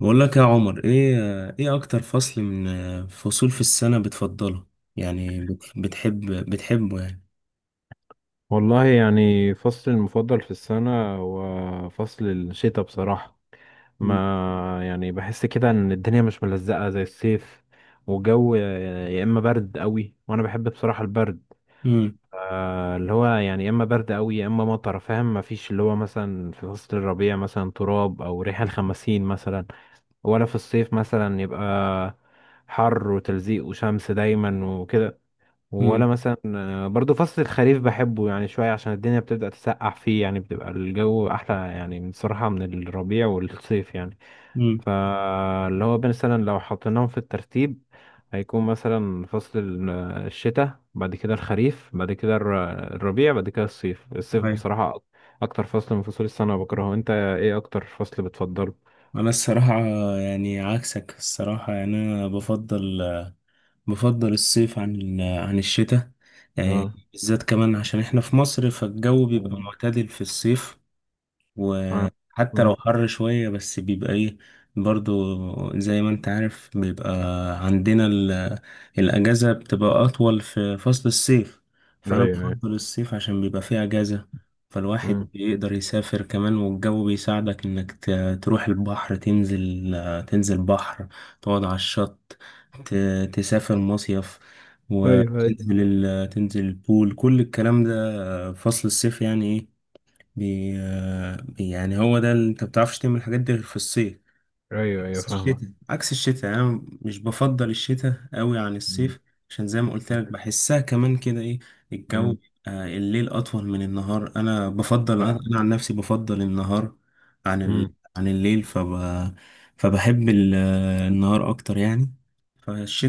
بقول لك يا عمر ايه اكتر فصل من فصول في السنة بتفضله؟ يعني بتحبه يعني؟ والله يعني فصل المفضل في السنة هو فصل الشتاء بصراحة. ما مم. يعني بحس كده ان الدنيا مش ملزقة زي الصيف. والجو يا اما برد قوي، وانا بحب بصراحة البرد. مم. اللي هو يعني يا اما برد قوي يا اما مطر، فاهم؟ ما فيش اللي هو مثلا في فصل الربيع مثلا تراب او ريحة الخمسين مثلا. ولا في الصيف مثلا يبقى حر وتلزيق وشمس دايما وكده. ولا مم. مثلا برضو فصل الخريف بحبه يعني شوية عشان الدنيا بتبدأ تسقع فيه، يعني بتبقى الجو أحلى يعني بصراحة من الربيع والصيف يعني. مم. فاللي هو مثلا لو حطيناهم في الترتيب، هيكون مثلا فصل الشتاء، بعد كده الخريف، بعد كده الربيع، بعد كده الصيف. الصيف ايوه. بصراحة أكتر فصل من فصول السنة بكرهه. أنت إيه أكتر فصل بتفضله؟ انا الصراحة، يعني عكسك الصراحة. يعني انا بفضل الصيف عن الشتاء، يعني اه. بالذات كمان عشان احنا في مصر، فالجو بيبقى تمام. معتدل في الصيف. اه. وحتى لو مم. حر شوية بس بيبقى ايه، برضو زي ما انت عارف بيبقى عندنا ال- الأجازة بتبقى أطول في فصل الصيف، أيوه فأنا أيوه. بفضل الصيف عشان بيبقى فيه أجازة. فالواحد مم. بيقدر يسافر كمان، والجو بيساعدك إنك تروح البحر، تنزل بحر، تقعد على الشط، تسافر مصيف، ايوه ايوه. وتنزل ال- تنزل البول. كل الكلام ده فصل الصيف، يعني إيه. يعني هو ده اللي انت بتعرفش تعمل الحاجات دي غير في الصيف. أيوه أيوه بس فاهمك. الشتاء عكس الشتاء، يعني انا مش بفضل الشتاء قوي عن مم. الصيف، عشان زي ما قلت لك بحسها كمان كده ايه، الجو. مم. الليل اطول من النهار. انا بفضل انا آه. أنا عن نفسي بفضل النهار مم. عن الليل. فبحب ال... آه، النهار اكتر يعني.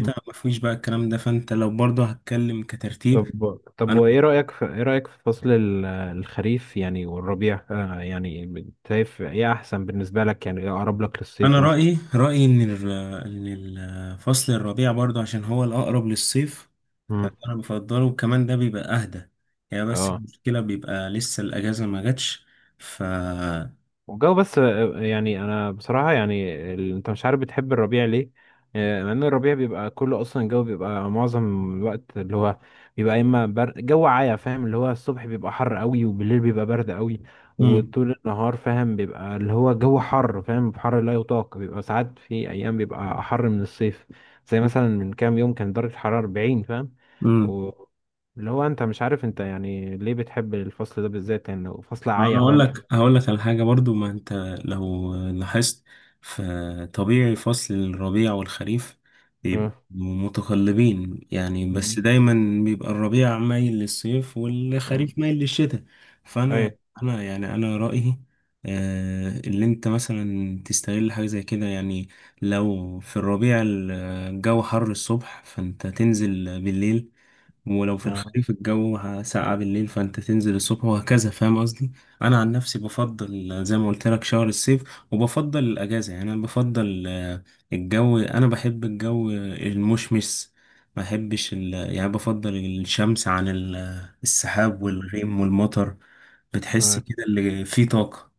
مم. ما فيش بقى الكلام ده، فانت لو برضه هتكلم كترتيب. طب وايه رأيك في ايه رأيك في فصل الخريف يعني والربيع، يعني شايف ايه احسن بالنسبة لك يعني؟ ايه اقرب لك للصيف انا مثلا؟ رايي ان الفصل الربيع برضه، عشان هو الاقرب للصيف، مم. فانا بفضله. وكمان ده بيبقى اهدى يعني، بس اه. المشكله بيبقى لسه الاجازه ما جاتش. ف والجو بس، يعني انا بصراحه يعني انت مش عارف بتحب الربيع ليه؟ مع ان الربيع بيبقى كله اصلا الجو بيبقى معظم الوقت اللي هو بيبقى يا اما برد جو عايا فاهم، اللي هو الصبح بيبقى حر قوي وبالليل بيبقى برد قوي. وطول النهار فاهم بيبقى اللي هو جو حر فاهم، حر لا يطاق، بيبقى ساعات في ايام بيبقى حر من الصيف. زي مثلا من كام يوم كان درجه الحراره 40 فاهم. امم و اللي هو انت مش عارف انت يعني ليه بتحب الفصل ده بالذات يعني؟ فصل انا عايا هقول فاهم. لك هقول لك على حاجه. برضو ما انت لو لاحظت، فطبيعي فصل الربيع والخريف بيبقوا آه. متقلبين يعني، بس دايما بيبقى الربيع مايل للصيف مم. والخريف مايل للشتاء. فانا ايوه. انا يعني انا رايي اللي انت مثلا تستغل حاجه زي كده يعني. لو في الربيع الجو حر الصبح، فانت تنزل بالليل. ولو في آه. الخريف الجو ساقع بالليل، فانت تنزل الصبح، وهكذا. فاهم قصدي. انا عن نفسي بفضل زي ما قلت لك شهر الصيف، وبفضل الاجازه. يعني انا بفضل الجو. انا بحب الجو المشمس، ما بحبش ال... يعني بفضل الشمس عن ال... السحاب مم. والغيم والمطر. بتحس آه. كده اللي فيه طاقه.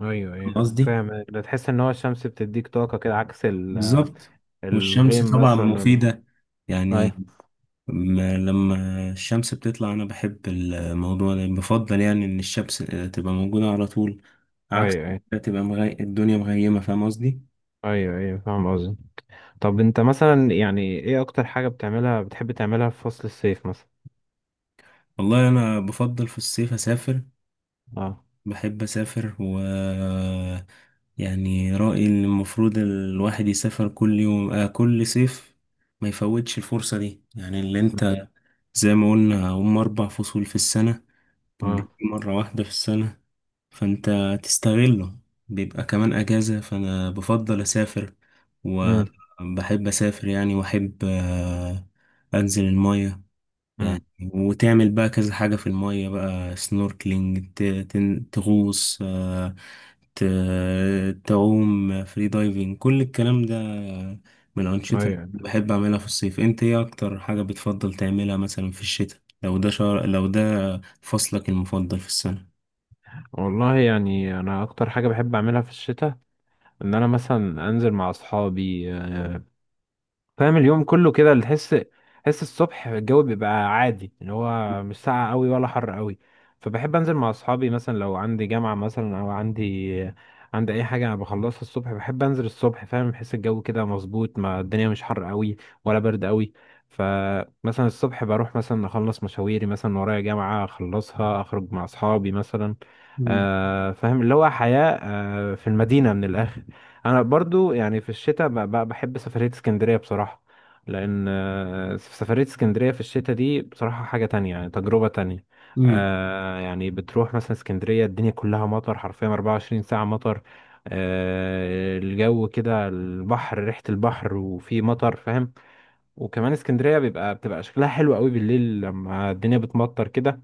ايوه فاهم ايوه قصدي. فاهم. ده تحس ان هو الشمس بتديك طاقة كده، عكس بالظبط. والشمس الغيم طبعا مثلا. مفيده يعني. ايوه لما الشمس بتطلع، انا بحب الموضوع ده. بفضل يعني ان الشمس تبقى موجودة على طول، عكس ايوه. ايوه ما تبقى الدنيا مغيمة. فاهم قصدي. ايوه. ايوه فاهم قصدي. طب انت مثلا يعني ايه اكتر حاجة بتعملها، بتحب تعملها في فصل الصيف مثلا؟ والله انا بفضل في الصيف اسافر. اه. بحب اسافر يعني رأيي ان المفروض الواحد يسافر كل يوم آه كل صيف، ما يفوتش الفرصة دي يعني. اللي انت زي ما قلنا، هم اربع فصول في السنة، اه. بيجي مرة واحدة في السنة، فانت تستغله. بيبقى كمان اجازة، فانا بفضل اسافر امم. وبحب اسافر يعني. واحب انزل المية يعني، امم. وتعمل بقى كذا حاجة في المية بقى: سنوركلينج، تغوص، تعوم، فري دايفنج. كل الكلام ده من الأنشطة اللي ايوه. بحب أعملها في الصيف. أنت إيه أكتر حاجة بتفضل تعملها مثلا في الشتاء؟ لو ده شهر، لو ده فصلك المفضل في السنة. والله يعني انا اكتر حاجه بحب اعملها في الشتاء ان انا مثلا انزل مع اصحابي. فاهم؟ اليوم كله كده اللي تحس، تحس الصبح الجو بيبقى عادي اللي هو مش ساقع قوي ولا حر قوي. فبحب انزل مع اصحابي مثلا لو عندي جامعة مثلا او عندي اي حاجة انا بخلصها الصبح. بحب انزل الصبح فاهم، بحس الجو كده مظبوط، ما الدنيا مش حر قوي ولا برد قوي. فمثلا الصبح بروح مثلا اخلص مشاويري مثلا، ورايا جامعة اخلصها، اخرج مع اصحابي مثلا. آه فاهم اللي هو حياة في المدينة من الاخر. انا برضو يعني في الشتاء بحب سفرية اسكندرية بصراحة، لان سفرية اسكندرية في الشتاء دي بصراحة حاجة تانية يعني، تجربة تانية. مم. يعني بتروح مثلا اسكندرية الدنيا كلها مطر، حرفيا 24 ساعة مطر. الجو كده البحر ريحة البحر وفي مطر فاهم. وكمان اسكندرية بيبقى بتبقى شكلها حلو قوي بالليل لما الدنيا بتمطر كده.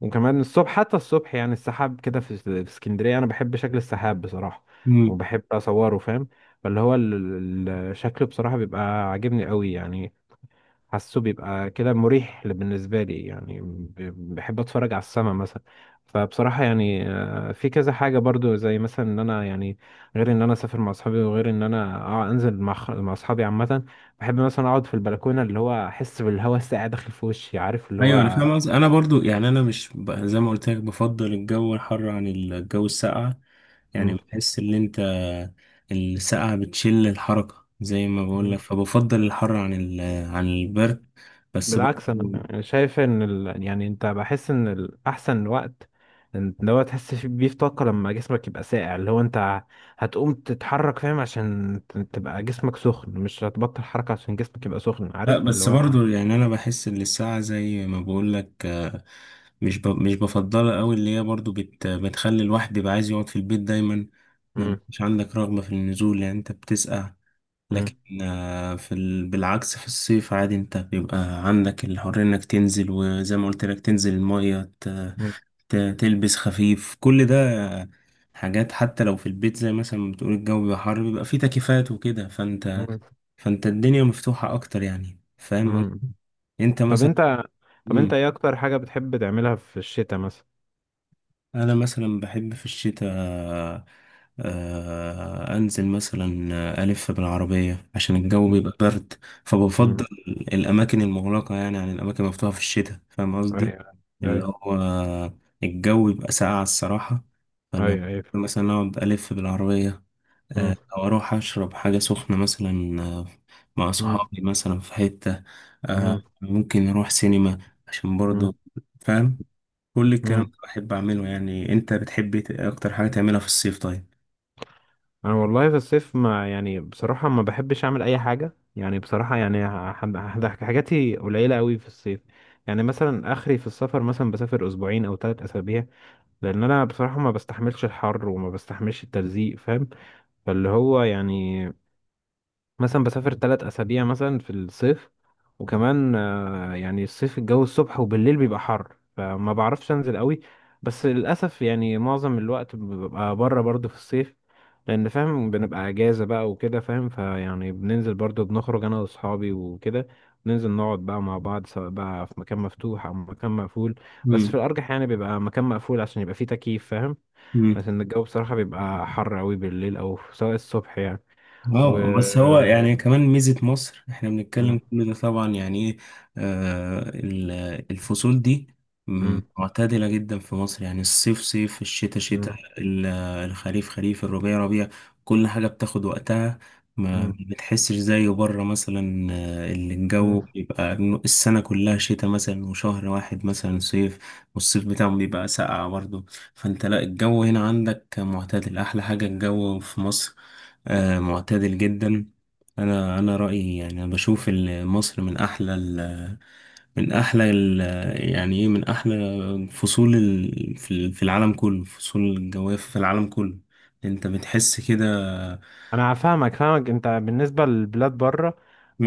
وكمان الصبح، حتى الصبح يعني السحاب كده في اسكندرية أنا بحب شكل السحاب بصراحة، مم. وبحب أصوره فاهم. فاللي هو الشكل بصراحة بيبقى عاجبني قوي يعني. حاسه بيبقى كده مريح بالنسبة لي يعني، بحب اتفرج على السما مثلا. فبصراحة يعني في كذا حاجة برضو زي مثلا ان انا يعني، غير ان انا اسافر مع اصحابي وغير ان انا انزل مع مع اصحابي عامة. بحب مثلا اقعد في البلكونة اللي هو احس بالهواء الساقع داخل في وشي، عارف اللي ايوه. انا هو. فاهم قصدي. انا برضو، يعني انا مش زي ما قلت لك بفضل الجو الحر عن الجو الساقع، يعني بحس ان انت الساقعة بتشل الحركة زي ما بقول لك، مم. فبفضل الحر عن البرد. بس برضو بالعكس انا شايف ان يعني انت بحس ان الاحسن وقت، إن اللي هو تحس بيه في طاقه لما جسمك يبقى ساقع، اللي هو انت هتقوم تتحرك فاهم عشان تبقى جسمك سخن، مش هتبطل حركه عشان جسمك يبقى سخن، آه، عارف اللي بس هو. برضو يعني انا بحس ان الساقعة زي ما بقول لك، مش بفضلها قوي. اللي هي برضو بتخلي الواحد يبقى عايز يقعد في البيت دايما، ما مم. بيبقاش عندك رغبة في النزول يعني، انت بتسقع. لكن مم. بالعكس في الصيف عادي، انت بيبقى عندك الحرية انك تنزل، وزي ما قلت لك تنزل المية، مم. تلبس خفيف كل ده. حاجات حتى لو في البيت زي مثلا ما بتقول الجو بيبقى حر، بيبقى فيه تكييفات وكده. فانت مم. فانت الدنيا مفتوحة اكتر يعني، فاهم مم. قصدي؟ انت طب مثلا انت طب انت ايه اكتر حاجه بتحب تعملها في الشتاء مثلا؟ انا مثلا بحب في الشتاء انزل مثلا الف بالعربيه عشان الجو مم. بيبقى برد، مم. فبفضل الاماكن المغلقه يعني عن الاماكن المفتوحه في الشتاء. فاهم قصدي. ايوه اللي ايوه. هو الجو بيبقى ساقع الصراحه، فانا ايوه ايوه. مثلا اقعد الف بالعربيه، مم. او اروح اشرب حاجه سخنه مثلا مع مم. صحابي مثلا في حته. آه، مم. ممكن اروح سينما عشان برضو، فاهم. كل الكلام مم. ده بحب اعمله يعني. انت بتحب إيه اكتر حاجة تعملها في الصيف، طيب؟ انا والله في الصيف ما يعني بصراحة ما بحبش اعمل اي حاجة يعني بصراحة، يعني حاجاتي قليلة قوي في الصيف. يعني مثلا اخري في السفر مثلا، بسافر اسبوعين او 3 اسابيع، لان انا بصراحة ما بستحملش الحر وما بستحملش التلزيق فاهم. فاللي هو يعني مثلا بسافر 3 اسابيع مثلا في الصيف. وكمان يعني الصيف الجو الصبح وبالليل بيبقى حر، فما بعرفش انزل قوي. بس للاسف يعني معظم الوقت ببقى بره برضو في الصيف، لان فاهم بنبقى اجازه بقى وكده فاهم، فيعني بننزل برضو، بنخرج انا واصحابي وكده. ننزل نقعد بقى مع بعض سواء بقى في مكان مفتوح او مكان مقفول، بس في الارجح يعني بيبقى مكان مقفول عشان يبقى فيه تكييف فاهم. امم بس ان الجو بصراحه بيبقى حر قوي بالليل او سواء الصبح يعني. و اه، بس هو يعني كمان ميزة مصر، احنا بنتكلم كل ده طبعا، يعني ايه، آه، ال- الفصول دي مم. معتدلة جدا في مصر. يعني الصيف صيف، الشتاء شتاء، مم. الخريف خريف، الربيع ربيع. كل حاجة بتاخد وقتها، ما مم. بتحسش زي بره مثلا. اللي الجو مم. بيبقى إنه السنة كلها شتاء مثلا، وشهر واحد مثلا صيف. والصيف بتاعهم بيبقى ساقع برضه. فانت لا، الجو هنا عندك معتدل، احلى حاجة الجو في مصر. معتدل جدا. انا رايي يعني، انا بشوف مصر من احلى ال من احلى ال يعني ايه من احلى فصول ال في العالم كله. فصول الجواف في العالم كله. انت بتحس كده. انا فاهمك انت بالنسبه للبلاد بره.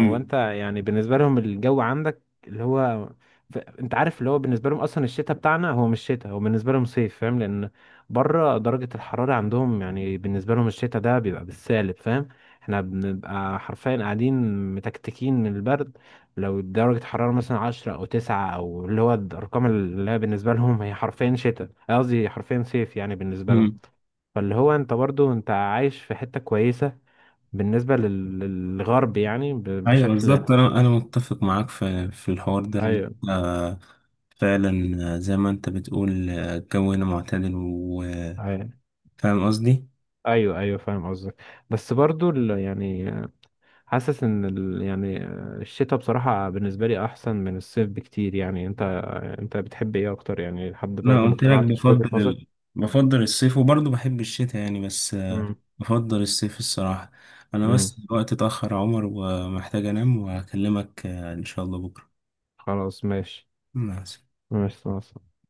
هو انت يعني بالنسبه لهم الجو عندك اللي هو انت عارف اللي هو بالنسبه لهم اصلا الشتاء بتاعنا هو مش شتاء، هو بالنسبه لهم صيف فاهم، لان بره درجه الحراره عندهم يعني بالنسبه لهم الشتاء ده بيبقى بالسالب فاهم. احنا بنبقى حرفيا قاعدين متكتكين من البرد. لو درجه الحراره مثلا 10 او 9 او اللي هو الارقام اللي هي بالنسبه لهم هي حرفيا شتاء، قصدي حرفيا صيف يعني بالنسبه لهم. مم. فاللي هو انت برضو انت عايش في حتة كويسة بالنسبة للغرب يعني، ايوه، بشكل. بالظبط. انا متفق معاك في الحوار ده اللي ايوه انت، فعلا. زي ما انت بتقول، الجو هنا معتدل، وفاهم ايوه. قصدي. ايوه ايوه فاهم قصدك. بس برضو يعني حاسس ان يعني الشتاء بصراحة بالنسبة لي احسن من الصيف بكتير يعني، انت انت بتحب ايه اكتر يعني؟ لحد انا برضو ما قلت لك اقتنعتش بوجهة بفضل نظرك. بفضل الصيف، وبرضه بحب الشتاء يعني، بس امم. بفضل الصيف الصراحة. أنا بس امم. الوقت اتأخر يا عمر، ومحتاج أنام وأكلمك إن شاء الله بكرة. خلاص ماشي. مع ماشي خلاص.